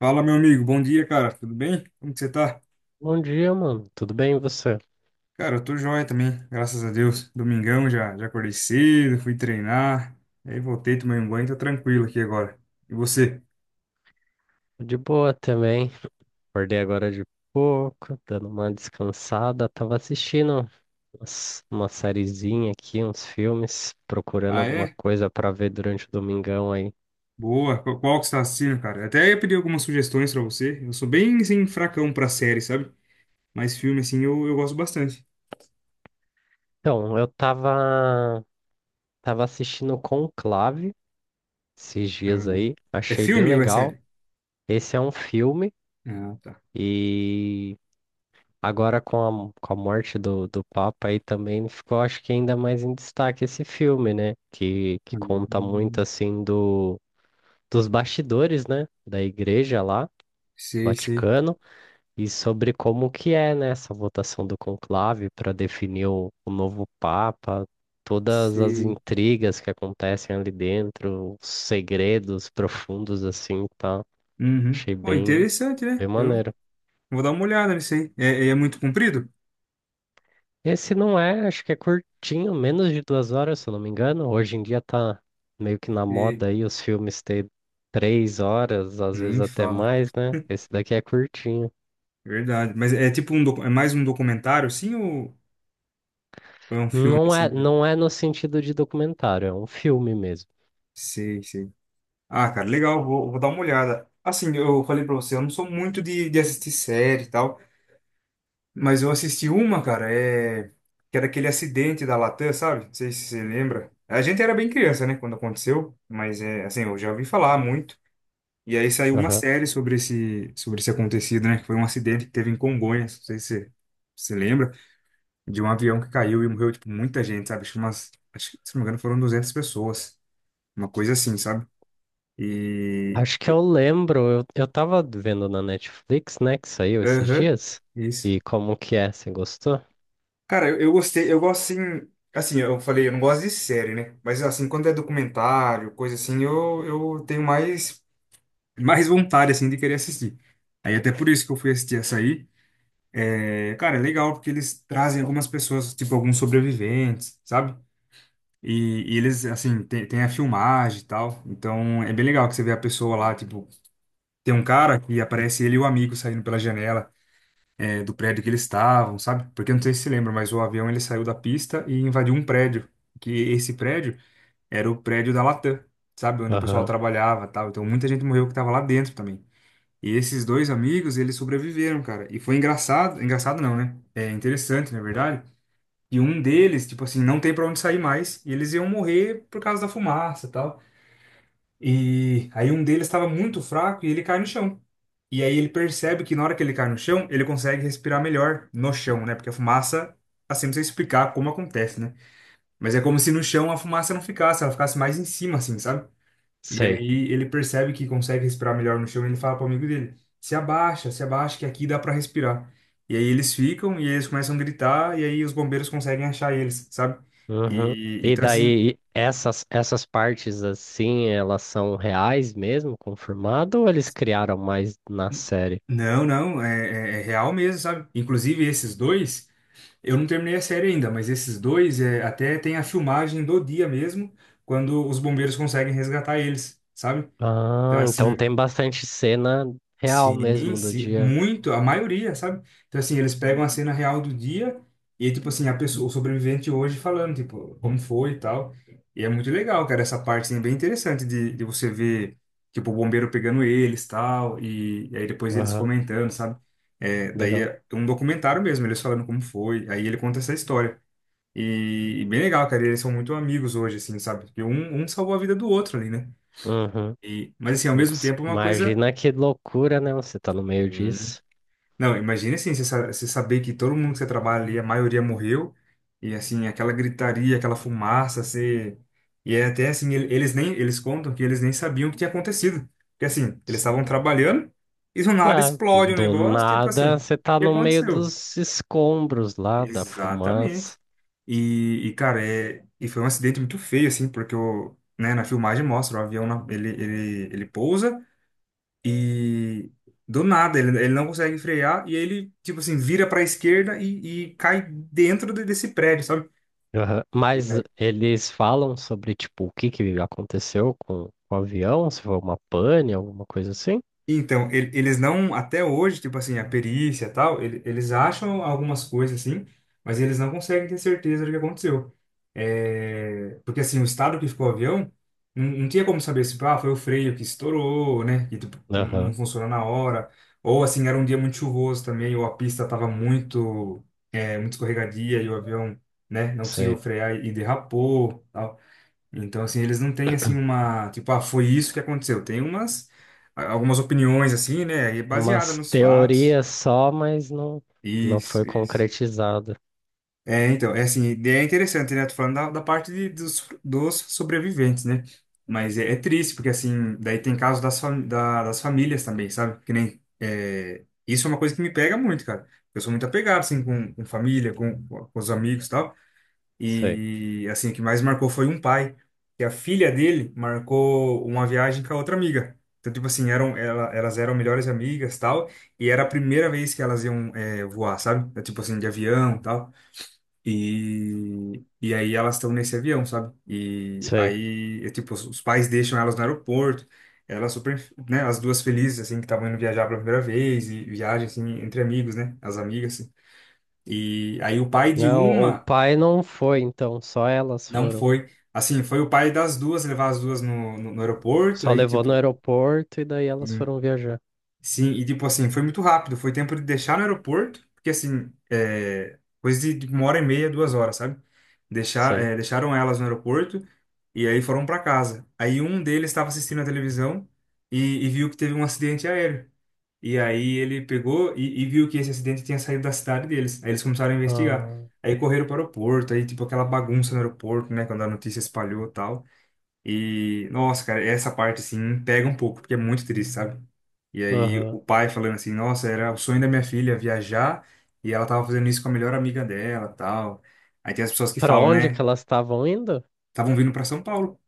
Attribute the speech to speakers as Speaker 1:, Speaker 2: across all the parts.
Speaker 1: Fala, meu amigo. Bom dia, cara. Tudo bem? Como que você tá?
Speaker 2: Bom dia, mano. Tudo bem e você?
Speaker 1: Cara, eu tô joia também, graças a Deus. Domingão já acordei cedo, fui treinar. Aí voltei, tomei um banho, tô tranquilo aqui agora. E você?
Speaker 2: De boa também. Acordei agora de pouco, dando uma descansada. Tava assistindo uma sériezinha aqui, uns filmes, procurando
Speaker 1: Ah,
Speaker 2: alguma
Speaker 1: é?
Speaker 2: coisa pra ver durante o domingão aí.
Speaker 1: Boa. Qual que você tá assistindo, cara? Até ia pedir algumas sugestões pra você. Eu sou bem, assim, fracão pra série, sabe? Mas filme, assim, eu gosto bastante.
Speaker 2: Então, tava assistindo Conclave esses
Speaker 1: Ah,
Speaker 2: dias aí.
Speaker 1: é
Speaker 2: Achei bem
Speaker 1: filme ou é
Speaker 2: legal.
Speaker 1: série?
Speaker 2: Esse é um filme
Speaker 1: Ah, tá.
Speaker 2: e agora, com a morte do Papa aí também ficou, acho que ainda mais em destaque esse filme, né? Que conta muito,
Speaker 1: Hum.
Speaker 2: assim, do, dos bastidores, né? Da igreja lá,
Speaker 1: Sei, sei,
Speaker 2: Vaticano, e sobre como que é, né? Essa votação do conclave para definir o novo Papa, todas as
Speaker 1: sei.
Speaker 2: intrigas que acontecem ali dentro, os segredos profundos, assim, tá?
Speaker 1: Uhum.
Speaker 2: Achei
Speaker 1: Pô, interessante, né?
Speaker 2: bem
Speaker 1: Eu
Speaker 2: maneiro.
Speaker 1: vou dar uma olhada nisso aí. É muito comprido?
Speaker 2: Esse não é, acho que é curtinho, menos de 2 horas, se eu não me engano. Hoje em dia tá meio que na
Speaker 1: E
Speaker 2: moda aí os filmes ter 3 horas, às vezes
Speaker 1: nem
Speaker 2: até
Speaker 1: fala.
Speaker 2: mais, né? Esse daqui é curtinho.
Speaker 1: Verdade. Mas é tipo um é mais um documentário, assim, ou é um filme
Speaker 2: Não
Speaker 1: assim
Speaker 2: é,
Speaker 1: mesmo?
Speaker 2: não é no sentido de documentário, é um filme mesmo.
Speaker 1: Sei, sei. Ah, cara, legal, vou dar uma olhada. Assim, eu falei pra você, eu não sou muito de assistir série e tal, mas eu assisti uma, cara, que era aquele acidente da Latam, sabe? Não sei se você lembra. A gente era bem criança, né, quando aconteceu, mas é assim, eu já ouvi falar muito. E aí saiu uma
Speaker 2: Aham.
Speaker 1: série sobre esse acontecido, né? Que foi um acidente que teve em Congonhas, não sei se você se lembra. De um avião que caiu e morreu, tipo, muita gente, sabe? Acho que, se não me engano, foram 200 pessoas. Uma coisa assim, sabe? E...
Speaker 2: Acho que eu lembro, eu tava vendo na Netflix, né, que saiu esses
Speaker 1: Aham,
Speaker 2: dias.
Speaker 1: isso.
Speaker 2: E como que é? Você gostou?
Speaker 1: Cara, eu gostei, eu gosto, assim... Assim, eu falei, eu não gosto de série, né? Mas, assim, quando é documentário, coisa assim, eu tenho mais, mais vontade, assim, de querer assistir. Aí, até por isso que eu fui assistir essa aí. É, cara, é legal, porque eles trazem algumas pessoas, tipo, alguns sobreviventes, sabe? E eles, assim, tem a filmagem e tal. Então é bem legal que você vê a pessoa lá, tipo, tem um cara que aparece ele e o amigo saindo pela janela, do prédio que eles estavam, sabe? Porque eu não sei se você lembra, mas o avião ele saiu da pista e invadiu um prédio. Que esse prédio era o prédio da Latam, sabe? Onde o pessoal
Speaker 2: Aham.
Speaker 1: trabalhava e tal. Então muita gente morreu que tava lá dentro também. E esses dois amigos, eles sobreviveram, cara. E foi engraçado, engraçado não, né? É interessante, na verdade, e um deles, tipo assim, não tem pra onde sair mais. E eles iam morrer por causa da fumaça e tal. E aí um deles estava muito fraco e ele cai no chão. E aí ele percebe que na hora que ele cai no chão, ele consegue respirar melhor no chão, né? Porque a fumaça, assim, não sei explicar como acontece, né? Mas é como se no chão a fumaça não ficasse, ela ficasse mais em cima, assim, sabe? E
Speaker 2: Sei.
Speaker 1: aí ele percebe que consegue respirar melhor no chão e ele fala pro amigo dele: se abaixa, se abaixa, que aqui dá pra respirar. E aí eles ficam e eles começam a gritar e aí os bombeiros conseguem achar eles, sabe?
Speaker 2: Uhum.
Speaker 1: E
Speaker 2: E
Speaker 1: então assim,
Speaker 2: daí, essas partes assim, elas são reais mesmo, confirmado, ou eles criaram mais na série?
Speaker 1: não, não, é real mesmo, sabe? Inclusive esses dois, eu não terminei a série ainda, mas esses dois até tem a filmagem do dia mesmo, quando os bombeiros conseguem resgatar eles, sabe? Então
Speaker 2: Ah,
Speaker 1: assim,
Speaker 2: então tem bastante cena real
Speaker 1: sim,
Speaker 2: mesmo do
Speaker 1: sim,
Speaker 2: dia.
Speaker 1: muito, a maioria, sabe? Então, assim, eles pegam a cena real do dia e, tipo assim, a pessoa, o sobrevivente hoje falando, tipo, como foi e tal. E é muito legal, cara, essa parte, assim, é bem interessante de, você ver, tipo, o bombeiro pegando eles tal, e aí depois eles
Speaker 2: Aham,
Speaker 1: comentando, sabe? É, daí
Speaker 2: legal.
Speaker 1: é um documentário mesmo, eles falando como foi, aí ele conta essa história. E bem legal, cara, eles são muito amigos hoje, assim, sabe? Porque um salvou a vida do outro ali, né?
Speaker 2: Uhum.
Speaker 1: E, mas, assim, ao mesmo
Speaker 2: Nossa,
Speaker 1: tempo é uma coisa.
Speaker 2: imagina que loucura, né? Você tá no meio
Speaker 1: Sim.
Speaker 2: disso.
Speaker 1: Não, imagina assim, você saber que todo mundo que você trabalha ali, a maioria morreu, e assim, aquela gritaria, aquela fumaça, você... E é até assim, eles contam que eles nem sabiam o que tinha acontecido. Porque assim, eles estavam trabalhando, e do nada
Speaker 2: Ah,
Speaker 1: explode o
Speaker 2: do
Speaker 1: negócio, tipo assim,
Speaker 2: nada,
Speaker 1: o
Speaker 2: você tá
Speaker 1: que
Speaker 2: no meio
Speaker 1: aconteceu?
Speaker 2: dos escombros lá, da
Speaker 1: Exatamente.
Speaker 2: fumaça.
Speaker 1: E, cara, e foi um acidente muito feio, assim, porque o, né, na filmagem mostra, o avião, ele pousa, e do nada, ele não consegue frear e ele, tipo assim, vira pra esquerda e cai dentro desse prédio, sabe?
Speaker 2: Aham. Mas eles falam sobre, tipo, o que que aconteceu com o avião, se foi uma pane, alguma coisa assim?
Speaker 1: Então, eles não, até hoje, tipo assim, a perícia e tal, eles acham algumas coisas assim, mas eles não conseguem ter certeza do que aconteceu. É, porque assim, o estado que ficou o avião, não, não tinha como saber se, tipo, ah, foi o freio que estourou, né, que tipo, não não
Speaker 2: Aham,
Speaker 1: funcionou na hora, ou assim, era um dia muito chuvoso também, ou a pista estava muito, muito escorregadia e o avião, né, não conseguiu
Speaker 2: sei.
Speaker 1: frear e derrapou, tal. Então, assim, eles não têm, assim, uma... Tipo, ah, foi isso que aconteceu. Tem umas... Algumas opiniões, assim, né? E baseada
Speaker 2: Umas
Speaker 1: nos fatos.
Speaker 2: teorias só, mas não, não foi
Speaker 1: Isso, isso.
Speaker 2: concretizada.
Speaker 1: É, então, é assim, é interessante, né? Tô falando da parte dos sobreviventes, né? Mas é triste, porque, assim, daí tem casos das famílias também, sabe? Que nem... Isso é uma coisa que me pega muito, cara. Eu sou muito apegado, assim, com família, com os amigos e tal.
Speaker 2: Sei,
Speaker 1: E assim, o que mais marcou foi um pai, que a filha dele marcou uma viagem com a outra amiga. Então, tipo assim, elas eram melhores amigas, tal, e era a primeira vez que elas iam voar, sabe? É, tipo assim, de avião, tal. E aí elas estão nesse avião, sabe? E
Speaker 2: sei.
Speaker 1: aí, tipo, os pais deixam elas no aeroporto, elas super, né, as duas felizes, assim, que estavam indo viajar pela primeira vez, e viagem, assim, entre amigos, né, as amigas, assim. E aí o pai de
Speaker 2: Não, o
Speaker 1: uma
Speaker 2: pai não foi, então, só elas
Speaker 1: não
Speaker 2: foram.
Speaker 1: foi. Assim, foi o pai das duas levar as duas no aeroporto,
Speaker 2: Só
Speaker 1: aí,
Speaker 2: levou no
Speaker 1: tipo.
Speaker 2: aeroporto e daí elas
Speaker 1: Sim.
Speaker 2: foram viajar.
Speaker 1: Sim, e tipo assim, foi muito rápido. Foi tempo de deixar no aeroporto, porque assim, coisa de 1h30, 2 horas, sabe?
Speaker 2: Sei.
Speaker 1: Deixaram elas no aeroporto e aí foram para casa. Aí um deles estava assistindo a televisão e viu que teve um acidente aéreo. E aí ele pegou e viu que esse acidente tinha saído da cidade deles. Aí eles começaram a investigar.
Speaker 2: Ah,
Speaker 1: Aí correram para o aeroporto, aí tipo aquela bagunça no aeroporto, né? Quando a notícia espalhou e tal. E, nossa, cara, essa parte, assim, pega um pouco, porque é muito triste, sabe? E aí,
Speaker 2: aham.
Speaker 1: o pai falando assim, nossa, era o sonho da minha filha viajar, e ela tava fazendo isso com a melhor amiga dela, tal. Aí tem as pessoas que
Speaker 2: Pra
Speaker 1: falam,
Speaker 2: onde que
Speaker 1: né,
Speaker 2: elas estavam indo?
Speaker 1: estavam vindo pra São Paulo.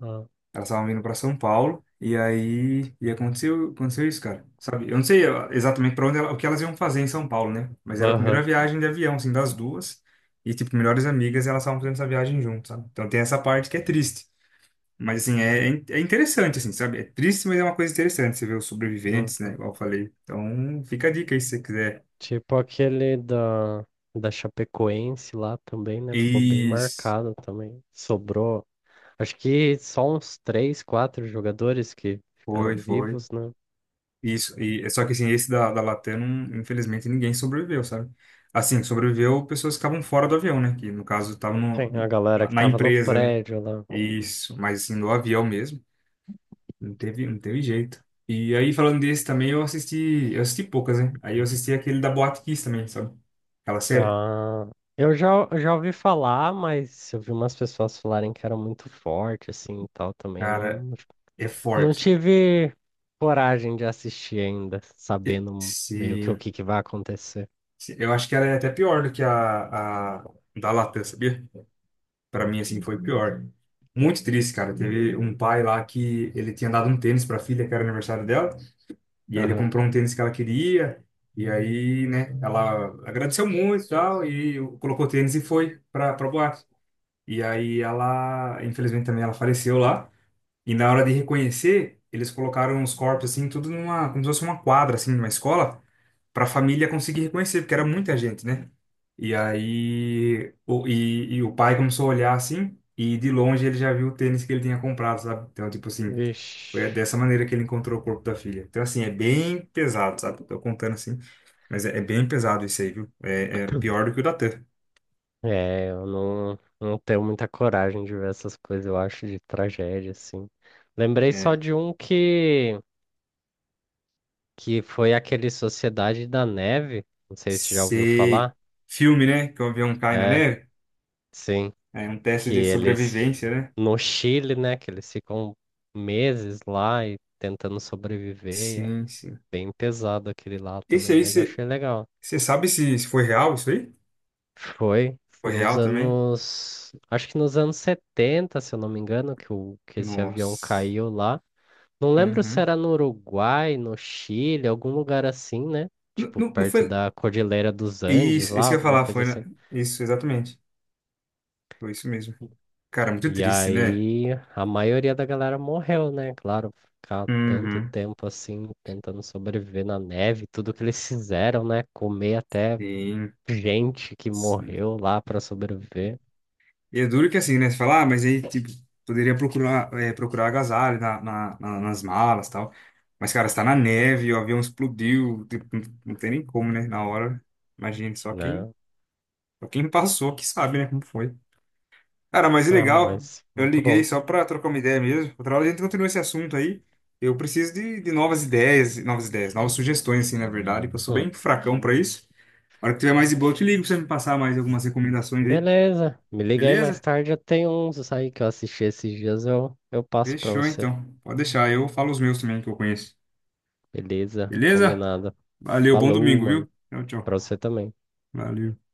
Speaker 2: Ah,
Speaker 1: Elas estavam vindo pra São Paulo, e aí, e aconteceu, aconteceu isso, cara, sabe? Eu não sei ó, exatamente para onde ela, o que elas iam fazer em São Paulo, né? Mas era a primeira
Speaker 2: aham.
Speaker 1: viagem de avião, assim, das duas, e, tipo, melhores amigas, elas estavam fazendo essa viagem juntas, sabe? Então tem essa parte que é triste. Mas, assim, é interessante, assim, sabe? É triste, mas é uma coisa interessante. Você vê os sobreviventes, né?
Speaker 2: Uhum.
Speaker 1: Igual eu falei. Então, fica a dica aí se você quiser.
Speaker 2: Tipo aquele da Chapecoense lá também, né? Ficou bem
Speaker 1: Isso.
Speaker 2: marcado também. Sobrou, acho que só uns 3, 4 jogadores que
Speaker 1: Foi,
Speaker 2: ficaram
Speaker 1: foi.
Speaker 2: vivos, né?
Speaker 1: Isso. E, é só que, assim, esse da, Latam, infelizmente, ninguém sobreviveu, sabe? Assim, sobreviveu pessoas que estavam fora do avião, né? Que, no caso, estavam
Speaker 2: Tem a
Speaker 1: no-
Speaker 2: galera
Speaker 1: na,
Speaker 2: que
Speaker 1: na
Speaker 2: tava no
Speaker 1: empresa, né?
Speaker 2: prédio lá.
Speaker 1: Isso. Mas, assim, no avião mesmo, não teve jeito. E aí, falando desse também, eu assisti... Eu assisti poucas, né? Aí eu assisti aquele da Boate Kiss também, sabe? Aquela série.
Speaker 2: Ah, eu já ouvi falar, mas eu vi umas pessoas falarem que era muito forte, assim, e tal, também.
Speaker 1: Cara,
Speaker 2: Não,
Speaker 1: é
Speaker 2: não
Speaker 1: forte.
Speaker 2: tive coragem de assistir ainda,
Speaker 1: E-
Speaker 2: sabendo meio que o
Speaker 1: Se,
Speaker 2: que que vai acontecer.
Speaker 1: eu acho que ela é até pior do que a da Latam, sabia? Pra mim, assim, foi pior. Muito triste, cara. Teve um pai lá que ele tinha dado um tênis pra filha, que era aniversário dela, e aí ele
Speaker 2: Aham.
Speaker 1: comprou um tênis que ela queria, e aí, né, ela agradeceu muito e tal, e colocou o tênis e foi pra boate. E aí ela, infelizmente também, ela faleceu lá, e na hora de reconhecer, eles colocaram os corpos, assim, tudo numa, como se fosse uma quadra, assim, numa escola, para a família conseguir reconhecer, porque era muita gente, né? E aí, e o pai começou a olhar assim, e de longe ele já viu o tênis que ele tinha comprado, sabe? Então, tipo assim, foi
Speaker 2: Vixe.
Speaker 1: dessa maneira que ele encontrou o corpo da filha. Então, assim, é bem pesado, sabe? Tô contando assim, mas é bem pesado isso aí, viu? É pior do que o da Tan.
Speaker 2: É, eu não, não tenho muita coragem de ver essas coisas, eu acho, de tragédia, assim. Lembrei só
Speaker 1: É,
Speaker 2: de que foi aquele Sociedade da Neve, não sei se já ouviu
Speaker 1: sei.
Speaker 2: falar.
Speaker 1: Filme, né? Que o avião cai na
Speaker 2: É,
Speaker 1: neve.
Speaker 2: sim,
Speaker 1: É um teste
Speaker 2: que
Speaker 1: de
Speaker 2: eles,
Speaker 1: sobrevivência, né?
Speaker 2: no Chile, né, que eles ficam meses lá e tentando sobreviver, é
Speaker 1: Sim, sim.
Speaker 2: bem pesado aquele lá
Speaker 1: Esse
Speaker 2: também,
Speaker 1: aí,
Speaker 2: mas eu achei legal.
Speaker 1: você sabe se foi real isso aí?
Speaker 2: Foi
Speaker 1: Foi
Speaker 2: nos
Speaker 1: real também?
Speaker 2: anos, acho que nos anos 70, se eu não me engano, que, o, que esse avião
Speaker 1: Nossa.
Speaker 2: caiu lá. Não lembro se
Speaker 1: Uhum.
Speaker 2: era no Uruguai, no Chile, algum lugar assim, né?
Speaker 1: Não,
Speaker 2: Tipo,
Speaker 1: não, não
Speaker 2: perto
Speaker 1: foi.
Speaker 2: da Cordilheira dos Andes
Speaker 1: Isso,
Speaker 2: lá,
Speaker 1: isso que eu ia
Speaker 2: alguma
Speaker 1: falar
Speaker 2: coisa
Speaker 1: foi.
Speaker 2: assim.
Speaker 1: Isso, exatamente. Foi isso mesmo. Cara, muito
Speaker 2: E
Speaker 1: triste, né?
Speaker 2: aí, a maioria da galera morreu, né? Claro, ficar tanto
Speaker 1: Uhum.
Speaker 2: tempo assim, tentando sobreviver na neve, tudo que eles fizeram, né? Comer até
Speaker 1: Sim,
Speaker 2: gente que
Speaker 1: sim.
Speaker 2: morreu lá para sobreviver,
Speaker 1: E é duro que assim, né? Você fala, ah, mas aí, tipo, poderia procurar, procurar agasalho nas malas e tal. Mas, cara, você tá na neve, o avião explodiu, tipo, não não tem nem como, né? Na hora. Imagina, só quem,
Speaker 2: né?
Speaker 1: só quem passou que sabe, né? Como foi. Cara, mas é
Speaker 2: Bizarro,
Speaker 1: legal.
Speaker 2: mas
Speaker 1: Eu
Speaker 2: muito
Speaker 1: liguei
Speaker 2: bom.
Speaker 1: só pra trocar uma ideia mesmo. Outra hora a gente continua esse assunto aí. Eu preciso de, novas ideias, novas ideias, novas sugestões, assim, na verdade, que eu sou
Speaker 2: Hum.
Speaker 1: bem fracão pra isso. A hora que tiver mais de boa, eu te ligo pra você me passar mais algumas recomendações aí.
Speaker 2: Beleza, me liga aí mais
Speaker 1: Beleza?
Speaker 2: tarde, eu tenho uns aí que eu assisti esses dias, eu passo para
Speaker 1: Fechou,
Speaker 2: você.
Speaker 1: então. Pode deixar, eu falo os meus também que eu conheço.
Speaker 2: Beleza,
Speaker 1: Beleza?
Speaker 2: combinado.
Speaker 1: Valeu, bom
Speaker 2: Falou,
Speaker 1: domingo,
Speaker 2: mano.
Speaker 1: viu? Tchau, tchau.
Speaker 2: Pra você também.
Speaker 1: Valeu.